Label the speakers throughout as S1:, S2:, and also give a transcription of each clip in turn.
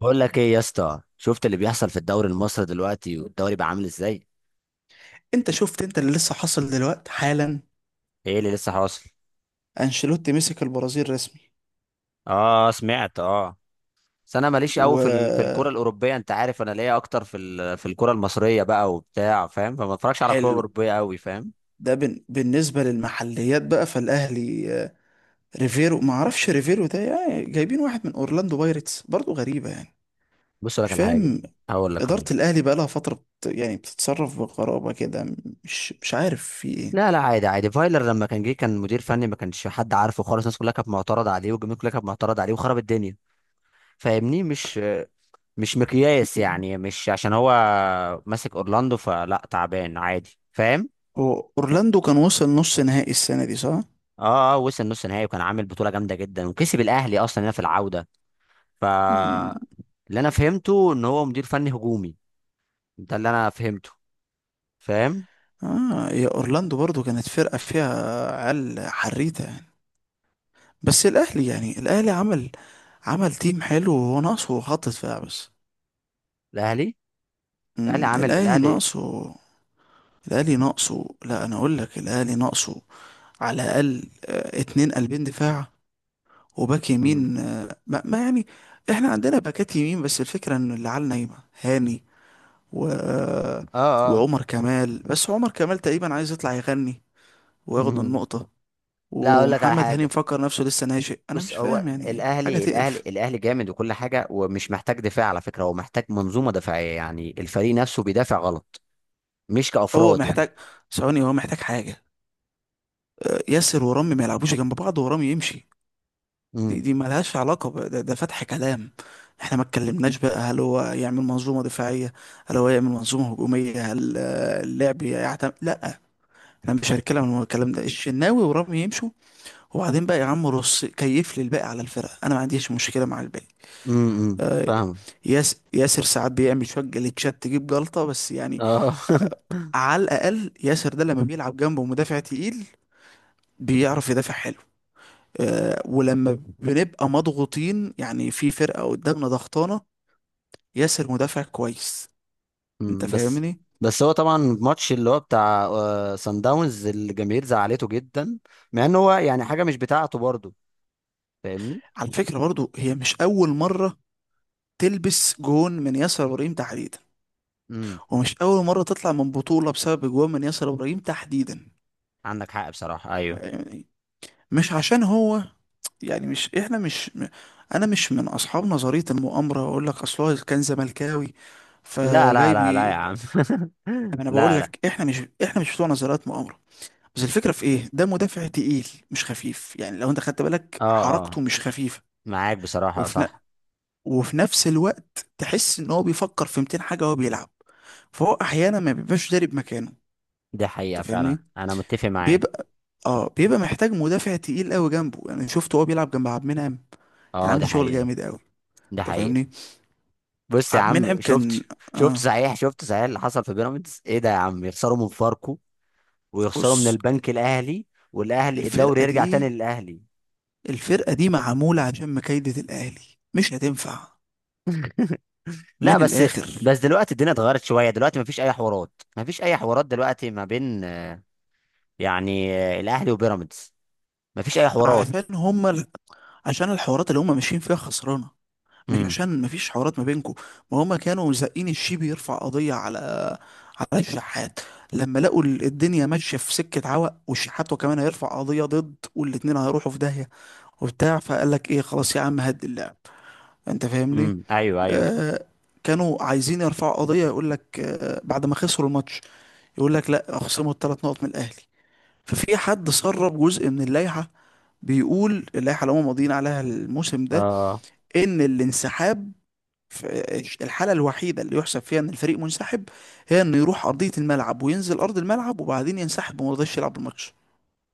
S1: بقول لك ايه يا اسطى؟ شفت اللي بيحصل في الدوري المصري دلوقتي والدوري بقى عامل ازاي؟
S2: انت شفت انت اللي لسه حاصل دلوقتي حالا.
S1: ايه اللي لسه حاصل؟
S2: انشيلوتي مسك البرازيل رسمي.
S1: اه، سمعت، اه. بس انا ماليش قوي في
S2: وحلو.
S1: الكره الاوروبيه. انت عارف انا ليا اكتر في الكره المصريه بقى وبتاع، فاهم؟ فما اتفرجش على كره اوروبيه قوي، فاهم؟
S2: ده بالنسبة للمحليات بقى، فالأهلي، ريفيرو. ما اعرفش ريفيرو ده، يعني جايبين واحد من أورلاندو بايرتس، برضه غريبة يعني.
S1: بص
S2: مش
S1: لك على حاجه.
S2: فاهم.
S1: هقول لك
S2: إدارة
S1: هقول لك
S2: الأهلي بقى لها فترة يعني بتتصرف بغرابة كده، مش عارف في إيه.
S1: لا، لا، عادي عادي. فايلر لما كان جه كان مدير فني ما كانش حد عارفه خالص. الناس كلها كانت معترضه عليه والجمهور كلها كانت معترضه عليه وخرب الدنيا. فاهمني؟ مش مقياس يعني. مش عشان هو ماسك اورلاندو فلا تعبان عادي، فاهم؟
S2: هو أورلاندو كان وصل نص نهائي السنة دي صح؟
S1: اه، اه، وصل نص نهائي وكان عامل بطوله جامده جدا وكسب الاهلي اصلا هنا في العوده. ف
S2: مم.
S1: اللي انا فهمته ان هو مدير فني هجومي. ده اللي انا فهمته، فاهم؟
S2: آه، يا أورلاندو برضه كانت فرقة فيها عيال حريتة يعني. بس الاهلي يعني الاهلي عمل تيم حلو، وهو ناقصه خط دفاع بس.
S1: الاهلي الاهلي عامل
S2: الاهلي
S1: الاهلي.
S2: ناقصه. الاهلي ناقصه، لا انا اقول لك الاهلي ناقصه، على الاقل اتنين قلبين دفاع وباك
S1: مم.
S2: يمين، ما يعني. احنا عندنا باكات يمين، بس الفكره ان اللي على نايمه هاني و آه،
S1: اه، اه.
S2: وعمر كمال، بس عمر كمال تقريبا عايز يطلع يغني وياخد
S1: مم.
S2: النقطه،
S1: لا، اقول لك على
S2: ومحمد هاني
S1: حاجه.
S2: مفكر نفسه لسه ناشئ. انا
S1: بص،
S2: مش
S1: هو
S2: فاهم يعني، حاجه
S1: الاهلي الاهلي
S2: تقرف.
S1: الاهلي جامد وكل حاجه، ومش محتاج دفاع على فكره. هو محتاج منظومه دفاعيه، يعني الفريق نفسه بيدافع غلط، مش
S2: هو
S1: كافراد يعني.
S2: محتاج، ثواني، هو محتاج حاجة، ياسر ورامي ما يلعبوش جنب بعض، ورامي يمشي. دي
S1: امم
S2: دي مالهاش علاقة ده فتح كلام، احنا ما اتكلمناش بقى. هل هو يعمل منظومة دفاعية؟ هل هو يعمل منظومة هجومية؟ هل اللعب يعتمد؟ لا، احنا مش هنتكلم عن الكلام ده، الشناوي ورامي يمشوا. وبعدين بقى يا عم رص كيف لي الباقي على الفرقة، انا ما عنديش مشكلة مع الباقي. آه،
S1: فاهم.
S2: ياسر ساعات بيعمل شوية جليتشات تجيب جلطة بس يعني.
S1: اه.
S2: على الأقل ياسر ده لما بيلعب جنبه مدافع تقيل بيعرف يدافع حلو، ولما بنبقى مضغوطين، يعني في فرقة قدامنا ضغطانة، ياسر مدافع كويس. انت
S1: مم، بس
S2: فاهمني.
S1: بس هو طبعا الماتش اللي هو بتاع سان داونز، الجماهير زعلته جدا، مع ان هو يعني حاجه مش بتاعته برضه، فاهمني؟
S2: على فكرة برضو، هي مش أول مرة تلبس جون من ياسر إبراهيم تحديدا،
S1: امم
S2: ومش أول مرة تطلع من بطولة بسبب جون من ياسر إبراهيم تحديدا.
S1: عندك حق بصراحه، ايوه.
S2: فاهمني؟ مش عشان هو، يعني مش احنا مش انا مش من اصحاب نظرية المؤامرة، اقول لك اصل هو كان زملكاوي
S1: لا، لا،
S2: فجاي
S1: لا، لا
S2: بي.
S1: يا عم.
S2: انا بقول
S1: لا، لا.
S2: لك، احنا مش بتوع نظريات مؤامرة. بس الفكرة في ايه، ده مدافع تقيل مش خفيف يعني، لو انت خدت بالك
S1: اه، اه،
S2: حركته مش خفيفة.
S1: معاك بصراحه،
S2: وفي ن...
S1: صح.
S2: وفي نفس الوقت تحس ان هو بيفكر في 200 حاجة وهو بيلعب، فهو احيانا ما بيبقاش داري بمكانه.
S1: دي حقيقه
S2: انت
S1: فعلا،
S2: فاهمني.
S1: انا متفق معاك.
S2: بيبقى اه بيبقى محتاج مدافع تقيل قوي جنبه، يعني شفته هو بيلعب جنب عبد المنعم، كان
S1: اه، دي
S2: عامل شغل
S1: حقيقه.
S2: جامد قوي.
S1: دي
S2: انت
S1: حقيقه.
S2: فاهمني.
S1: بص يا
S2: عبد
S1: عم،
S2: المنعم
S1: شفت؟
S2: كان.
S1: شفت
S2: آه،
S1: صحيح، شفت صحيح اللي حصل في بيراميدز؟ ايه ده يا عم؟ يخسروا من فاركو ويخسروا من
S2: بص،
S1: البنك الاهلي والاهلي الدوري
S2: الفرقة
S1: يرجع تاني
S2: دي
S1: للاهلي.
S2: الفرقة دي معمولة عشان مكايدة الاهلي، مش هتنفع.
S1: لا،
S2: من
S1: بس.
S2: الاخر.
S1: بس دلوقتي الدنيا اتغيرت شويه. دلوقتي مفيش اي حوارات، مفيش اي حوارات دلوقتي ما بين، يعني الاهلي وبيراميدز. مفيش اي حوارات.
S2: عشان هما عشان الحوارات اللي هم ماشيين فيها خسرانه، مش
S1: امم
S2: عشان مفيش حوارات ما بينكم. ما هم كانوا زقين الشيبي يرفع قضيه على الشحات، لما لقوا الدنيا ماشيه في سكه عوق، والشحات وكمان هيرفع قضيه ضد، والاتنين هيروحوا في داهيه، وبتاع، فقال لك ايه، خلاص يا عم هد اللعب. انت فاهمني.
S1: ايوه، ايوه.
S2: آه، كانوا عايزين يرفعوا قضيه، يقول لك آه بعد ما خسروا الماتش يقول لك لا، خصموا الثلاث نقط من الاهلي. ففي حد سرب جزء من اللائحه، بيقول اللائحه اللي هم ماضيين عليها الموسم ده،
S1: اه
S2: ان الانسحاب، الحالة الوحيدة اللي يحسب فيها ان الفريق منسحب هي انه يروح ارضية الملعب وينزل ارض الملعب وبعدين ينسحب وما رضاش يلعب الماتش.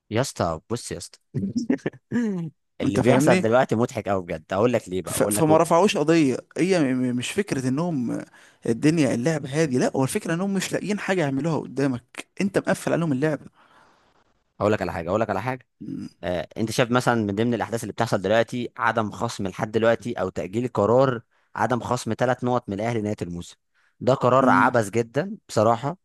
S1: يا اسطى، بص يا اسطى.
S2: انت
S1: اللي بيحصل
S2: فاهمني.
S1: دلوقتي مضحك قوي بجد. اقول لك ليه بقى؟ اقول لك.
S2: فما رفعوش قضية، هي مش فكرة انهم الدنيا اللعب هادي، لا، هو الفكرة انهم مش لاقيين حاجة يعملوها قدامك، انت مقفل عليهم اللعبة.
S1: اقول لك على حاجه، اقول لك على حاجه.
S2: م-
S1: انت شايف مثلا، من ضمن الاحداث اللي بتحصل دلوقتي عدم خصم لحد دلوقتي او تاجيل قرار عدم خصم ثلاث نقط من الاهلي نهايه الموسم. ده قرار
S2: م-
S1: عبث جدا بصراحه.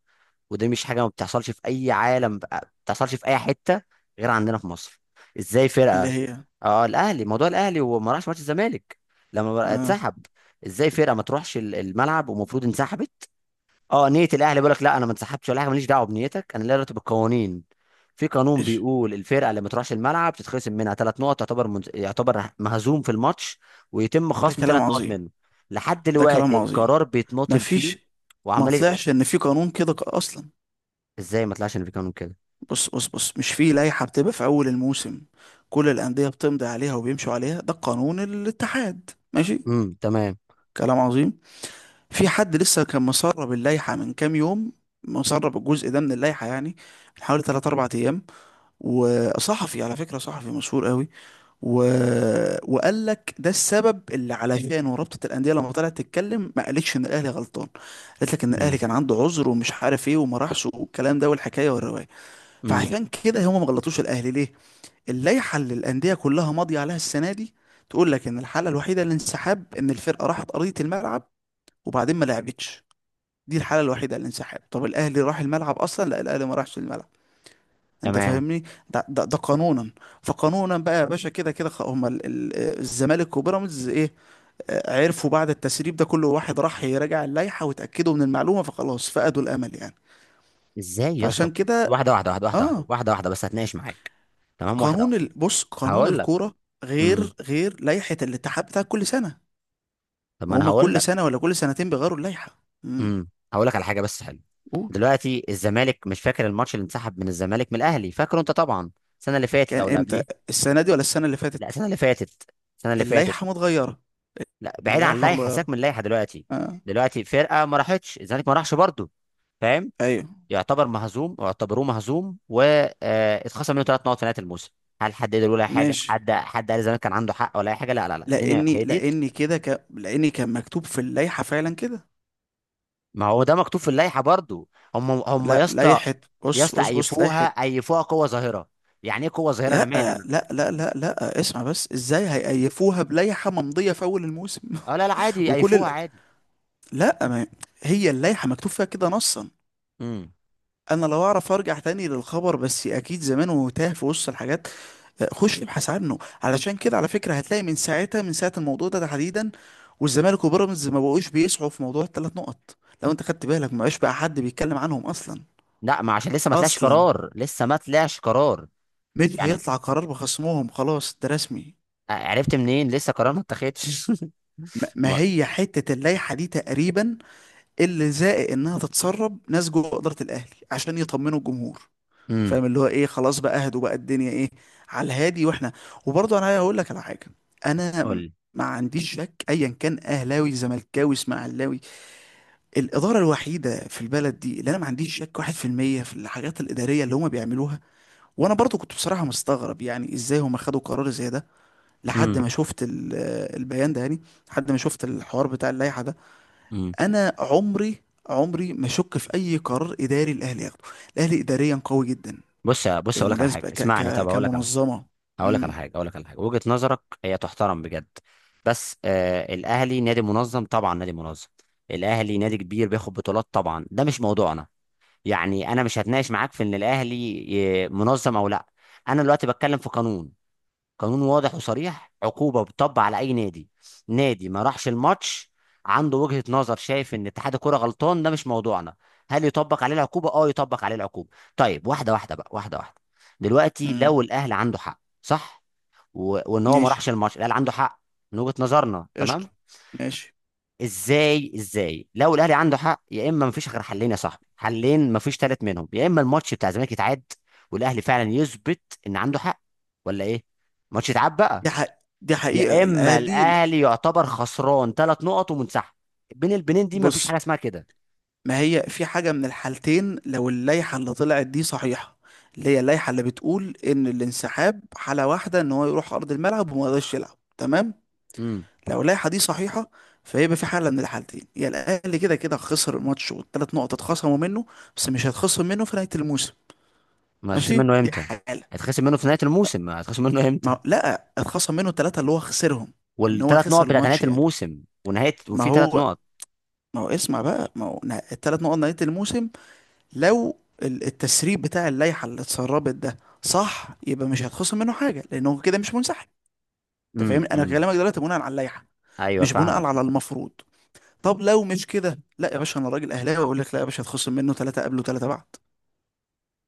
S1: ودي مش حاجه ما بتحصلش في اي عالم بقى- ما بتحصلش في اي حته غير عندنا في مصر. ازاي
S2: اللي
S1: فرقه-
S2: هي،
S1: اه، الاهلي، موضوع الاهلي وما راحش ماتش الزمالك لما بقى
S2: اه
S1: اتسحب. ازاي فرقه ما تروحش الملعب ومفروض انسحبت؟ اه، نيه الاهلي بيقول لك لا انا ما انسحبتش ولا حاجه، ماليش دعوه بنيتك، انا ليا دعوه بالقوانين. في قانون
S2: ايش،
S1: بيقول الفرقه اللي ما تروحش الملعب تتخصم منها ثلاث نقط، يعتبر مهزوم في الماتش ويتم
S2: ده
S1: خصم
S2: كلام
S1: ثلاث نقط
S2: عظيم.
S1: منه. لحد
S2: ده كلام
S1: دلوقتي
S2: عظيم،
S1: القرار بيتناطل
S2: مفيش.
S1: فيه
S2: ما
S1: وعمال يقول-
S2: طلعش ان في قانون كده اصلا.
S1: ازاي ما طلعش ان في قانون كده؟
S2: بص بص بص، مش في لائحة بتبقى في أول الموسم كل الأندية بتمضي عليها وبيمشوا عليها؟ ده قانون الاتحاد ماشي،
S1: تمام.
S2: كلام عظيم. في حد لسه كان مسرب اللائحة من كام يوم، مسرب الجزء ده من اللائحة يعني، من حوالي 3 4 أيام، وصحفي على فكرة، صحفي مشهور قوي. و... وقال لك ده السبب اللي علشانه رابطة الأندية لما طلعت تتكلم ما قالتش إن الأهلي غلطان، قالت لك إن الأهلي
S1: امم
S2: كان عنده عذر ومش عارف إيه وما راحش، والكلام ده والحكاية والرواية.
S1: امم
S2: فعشان كده هم ما غلطوش الأهلي، ليه؟ اللائحة اللي الأندية كلها ماضية عليها السنة دي تقول لك إن الحالة الوحيدة للانسحاب إن الفرقة راحت أرضية الملعب وبعدين ما لعبتش. دي الحالة الوحيدة للانسحاب، طب الأهلي راح الملعب أصلا؟ لا، الأهلي ما راحش الملعب. أنت
S1: تمام.
S2: فاهمني. ده قانونا، فقانونا بقى يا باشا، كده كده هما الزمالك وبيراميدز إيه، عرفوا بعد التسريب ده كل واحد راح يراجع اللائحة وتأكدوا من المعلومة، فخلاص فقدوا الأمل يعني.
S1: ازاي يا اسطى؟
S2: فعشان كده،
S1: واحده واحده واحده واحده واحده
S2: آه
S1: واحده واحده، بس هتناقش معاك. تمام، واحده واحده.
S2: بص، قانون
S1: هقول لك.
S2: الكورة
S1: امم.
S2: غير لائحة الاتحاد بتاع كل سنة،
S1: طب، ما
S2: ما
S1: انا
S2: هما
S1: هقول
S2: كل
S1: لك.
S2: سنة ولا كل سنتين بيغيروا اللائحة. مم.
S1: هقول لك على حاجه بس حلوه.
S2: قول.
S1: دلوقتي الزمالك، مش فاكر الماتش اللي انسحب من الزمالك من الاهلي؟ فاكره انت طبعا، السنه اللي فاتت
S2: كان
S1: او اللي
S2: امتى،
S1: قبليها.
S2: السنة دي ولا السنة اللي
S1: لا،
S2: فاتت؟
S1: السنه اللي فاتت، السنه اللي فاتت.
S2: اللائحة متغيرة،
S1: لا، بعيد عن
S2: اللائحة
S1: اللائحه، سيبك
S2: متغيرة
S1: من اللائحه دلوقتي.
S2: آه.
S1: دلوقتي فرقه ما راحتش، الزمالك ما راحش برضه، فاهم؟
S2: ايوه
S1: يعتبر مهزوم واعتبروه مهزوم واتخصم منه ثلاث نقط في نهايه الموسم. هل حد قدر يقول اي حاجه؟
S2: ماشي،
S1: حد قال زمان كان عنده حق ولا اي حاجه؟ لا، لا، لا، الدنيا
S2: لاني
S1: هديت.
S2: لاني كده ك... لاني كان مكتوب في اللائحة فعلا كده.
S1: ما هو ده مكتوب في اللائحه برضو. هم، هم يا
S2: لا،
S1: اسطى.
S2: لائحة.
S1: يا
S2: بص
S1: اسطى،
S2: بص بص،
S1: ايفوها،
S2: لائحة.
S1: ايفوها، قوه ظاهره. يعني ايه قوه ظاهره؟ انا
S2: لا
S1: مالي انا.
S2: لا لا لا لا، اسمع بس، ازاي هيقيفوها بلائحة ممضية في اول الموسم؟
S1: اه، لا، لا، عادي.
S2: وكل ال...
S1: ايفوها عادي.
S2: لا ما... هي اللائحة مكتوب فيها كده نصا.
S1: امم
S2: انا لو اعرف ارجع تاني للخبر، بس اكيد زمان وتاه في وسط الحاجات، خش ابحث عنه. علشان كده على فكره، هتلاقي من ساعتها، من ساعه الموضوع ده تحديدا، والزمالك وبيراميدز ما بقوش بيسعوا في موضوع الثلاث نقط، لو انت خدت بالك ما بقاش بقى حد بيتكلم عنهم اصلا.
S1: لا، ما عشان لسه ما طلعش
S2: اصلا
S1: قرار، لسه ما طلعش قرار.
S2: مش
S1: يعني
S2: هيطلع قرار بخصمهم، خلاص ده رسمي.
S1: عرفت منين لسه قرار ما اتخذش؟
S2: ما
S1: ما-.
S2: هي حته اللائحه دي تقريبا اللي زائق انها تتسرب ناس جوه اداره الاهلي عشان يطمنوا الجمهور.
S1: امم
S2: فاهم، اللي هو ايه، خلاص بقى اهدوا بقى الدنيا ايه، على الهادي. واحنا وبرضه انا هقول لك على حاجه. انا
S1: قول لي.
S2: ما عنديش شك، ايا كان اهلاوي زملكاوي اسماعيلاوي، الاداره الوحيده في البلد دي اللي انا ما عنديش شك 1% في المية في الحاجات الاداريه اللي هم بيعملوها. وانا برضو كنت بصراحه مستغرب يعني ازاي هم خدوا قرار زي ده لحد
S1: امم
S2: ما شفت البيان ده يعني، لحد ما شفت الحوار بتاع اللائحه ده.
S1: امم
S2: انا عمري، عمري ما شك في اي قرار اداري الاهلي ياخده، الاهلي اداريا قوي جدا
S1: بص اقول لك على حاجه،
S2: بالمناسبة، ك
S1: اسمعني.
S2: ك
S1: طب اقول لك على حاجه.
S2: كمنظمة
S1: هقول لك على
S2: امم،
S1: حاجه، هقول لك على حاجه. وجهه نظرك هي تحترم بجد. بس الاهلي نادي منظم طبعا، نادي منظم. الاهلي نادي كبير بياخد بطولات طبعا، ده مش موضوعنا. يعني انا مش هتناقش معاك في ان الاهلي منظم او لا. انا دلوقتي بتكلم في قانون. قانون واضح وصريح، عقوبه بتطبق على اي نادي. نادي ما راحش الماتش عنده وجهه نظر، شايف ان اتحاد الكوره غلطان، ده مش موضوعنا. هل يطبق عليه العقوبه؟ اه، يطبق عليه العقوبه. طيب واحده واحده بقى، واحده واحده. دلوقتي
S2: امم،
S1: لو الاهلي عنده حق، صح؟ وان هو ما
S2: ماشي
S1: راحش الماتش، الاهلي عنده حق، من وجهة نظرنا،
S2: قشطة،
S1: تمام.
S2: ماشي.
S1: ازاي لو الاهلي عنده حق، يا اما مفيش غير حلين يا صاحبي، حلين مفيش ثالث منهم. يا اما الماتش بتاع الزمالك يتعاد والاهلي فعلا يثبت ان عنده حق، ولا ايه؟ ماتش يتعاد بقى.
S2: دي حق دي
S1: يا
S2: حقيقة
S1: اما
S2: الأهلي.
S1: الاهلي يعتبر خسران ثلاث نقط ومنسحب. بين البنين دي مفيش
S2: بص،
S1: حاجه اسمها كده.
S2: ما هي في حاجة من الحالتين، لو اللائحة اللي طلعت دي صحيحة، اللي هي اللائحة اللي بتقول إن الانسحاب حالة واحدة، إن هو يروح أرض الملعب وما يقدرش يلعب، تمام.
S1: امم
S2: لو اللائحة دي صحيحة فيبقى في حالة من الحالتين، يا الأهلي كده كده خسر الماتش والثلاث نقط اتخصموا منه، بس مش هيتخصم منه في نهاية الموسم.
S1: ما هيتخصم
S2: ماشي،
S1: منه
S2: دي
S1: امتى؟
S2: حالة،
S1: هيتخصم منه في نهايه الموسم، هيتخصم منه امتى؟
S2: ما لا، اتخصم منه ثلاثة اللي هو خسرهم، ان هو
S1: والثلاث نقط
S2: خسر
S1: بتاعت نهايه
S2: الماتش يعني.
S1: الموسم، ونهايه،
S2: ما
S1: وفي ثلاث
S2: هو
S1: نقط.
S2: ما هو اسمع بقى، ما هو الثلاث نقط نهاية الموسم لو التسريب بتاع اللائحة اللي اتسربت ده صح، يبقى مش هيتخصم منه حاجة لأنه كده مش منسحب. أنت
S1: امم
S2: فاهم، أنا
S1: امم
S2: كلامك دلوقتي بناء على اللائحة،
S1: ايوه،
S2: مش بناء
S1: فاهمك.
S2: على المفروض. طب لو مش كده، لا يا باشا، أنا راجل أهلاوي أقول لك لا يا باشا، هتخصم منه ثلاثة قبل وثلاثة بعد.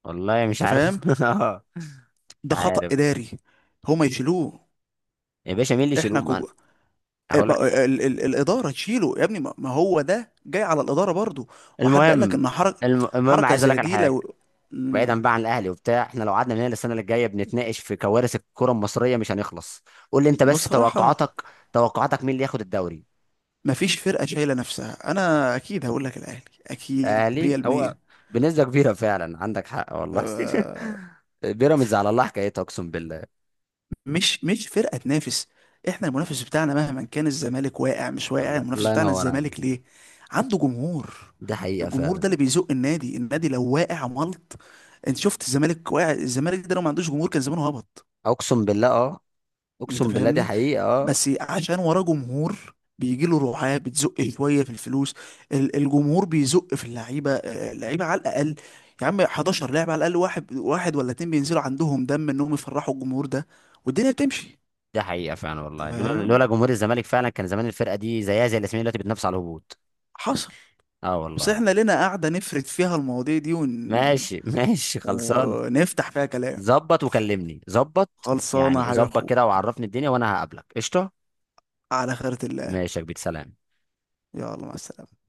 S1: والله مش
S2: أنت
S1: عارف.
S2: فاهم.
S1: اه، مش
S2: ده خطأ
S1: عارف.
S2: إداري، هما يشيلوه.
S1: يا باشا مين اللي
S2: احنا
S1: يشيلهم؟ انا
S2: إيه
S1: هقول لك،
S2: الاداره تشيله يا ابني، ما هو ده جاي على الاداره برضو. وحد قال لك
S1: المهم،
S2: ان حركه
S1: المهم
S2: حركه
S1: عايز اقول
S2: زي
S1: لك على
S2: دي
S1: حاجه.
S2: لو مم،
S1: بعيدا بقى عن الاهلي وبتاع، احنا لو قعدنا من هنا السنه اللي جايه بنتناقش في كوارث الكره المصريه مش هنخلص. قول لي انت بس
S2: بصراحه.
S1: توقعاتك، توقعاتك مين اللي ياخد الدوري؟
S2: ما فيش فرقه شايله نفسها، انا اكيد هقول لك الاهلي، اكيد
S1: الاهلي هو،
S2: 100%.
S1: بنسبه كبيره فعلا، عندك حق والله. بيراميدز على الله حكايتها، اقسم بالله.
S2: مش فرقه تنافس. احنا المنافس بتاعنا مهما كان الزمالك واقع مش واقع،
S1: الله
S2: المنافس
S1: الله
S2: بتاعنا
S1: ينور
S2: الزمالك
S1: عليك.
S2: ليه؟ عنده جمهور،
S1: دي حقيقه
S2: الجمهور
S1: فعلا.
S2: ده اللي بيزق النادي. النادي لو واقع ملط، انت شفت الزمالك واقع، الزمالك ده لو ما عندوش جمهور كان زمانه هبط.
S1: اقسم بالله، اه.
S2: انت
S1: اقسم بالله دي
S2: فاهمني.
S1: حقيقه، اه.
S2: بس عشان وراه جمهور بيجي له رعاة بتزق شويه في الفلوس، الجمهور بيزق في اللعيبه على الاقل. يا عم 11 لاعب على الاقل، واحد واحد ولا اتنين بينزلوا عندهم دم انهم يفرحوا الجمهور ده، والدنيا بتمشي.
S1: ده حقيقة فعلا والله. لولا
S2: تمام،
S1: لولا جمهور الزمالك فعلا كان زمان الفرقة دي زيها زي الاسماعيلي دلوقتي بتنافس على الهبوط.
S2: حصل.
S1: اه،
S2: بس
S1: والله.
S2: احنا لنا قاعده نفرد فيها المواضيع دي
S1: ماشي. ماشي، خلصانة.
S2: ونفتح فيها كلام.
S1: ظبط وكلمني، ظبط
S2: خلصانه يا
S1: يعني،
S2: حبيب
S1: ظبط كده
S2: اخوك،
S1: وعرفني الدنيا وانا هقابلك قشطة.
S2: على خيرة الله.
S1: ماشي يا كبير، سلام.
S2: يلا مع السلامه.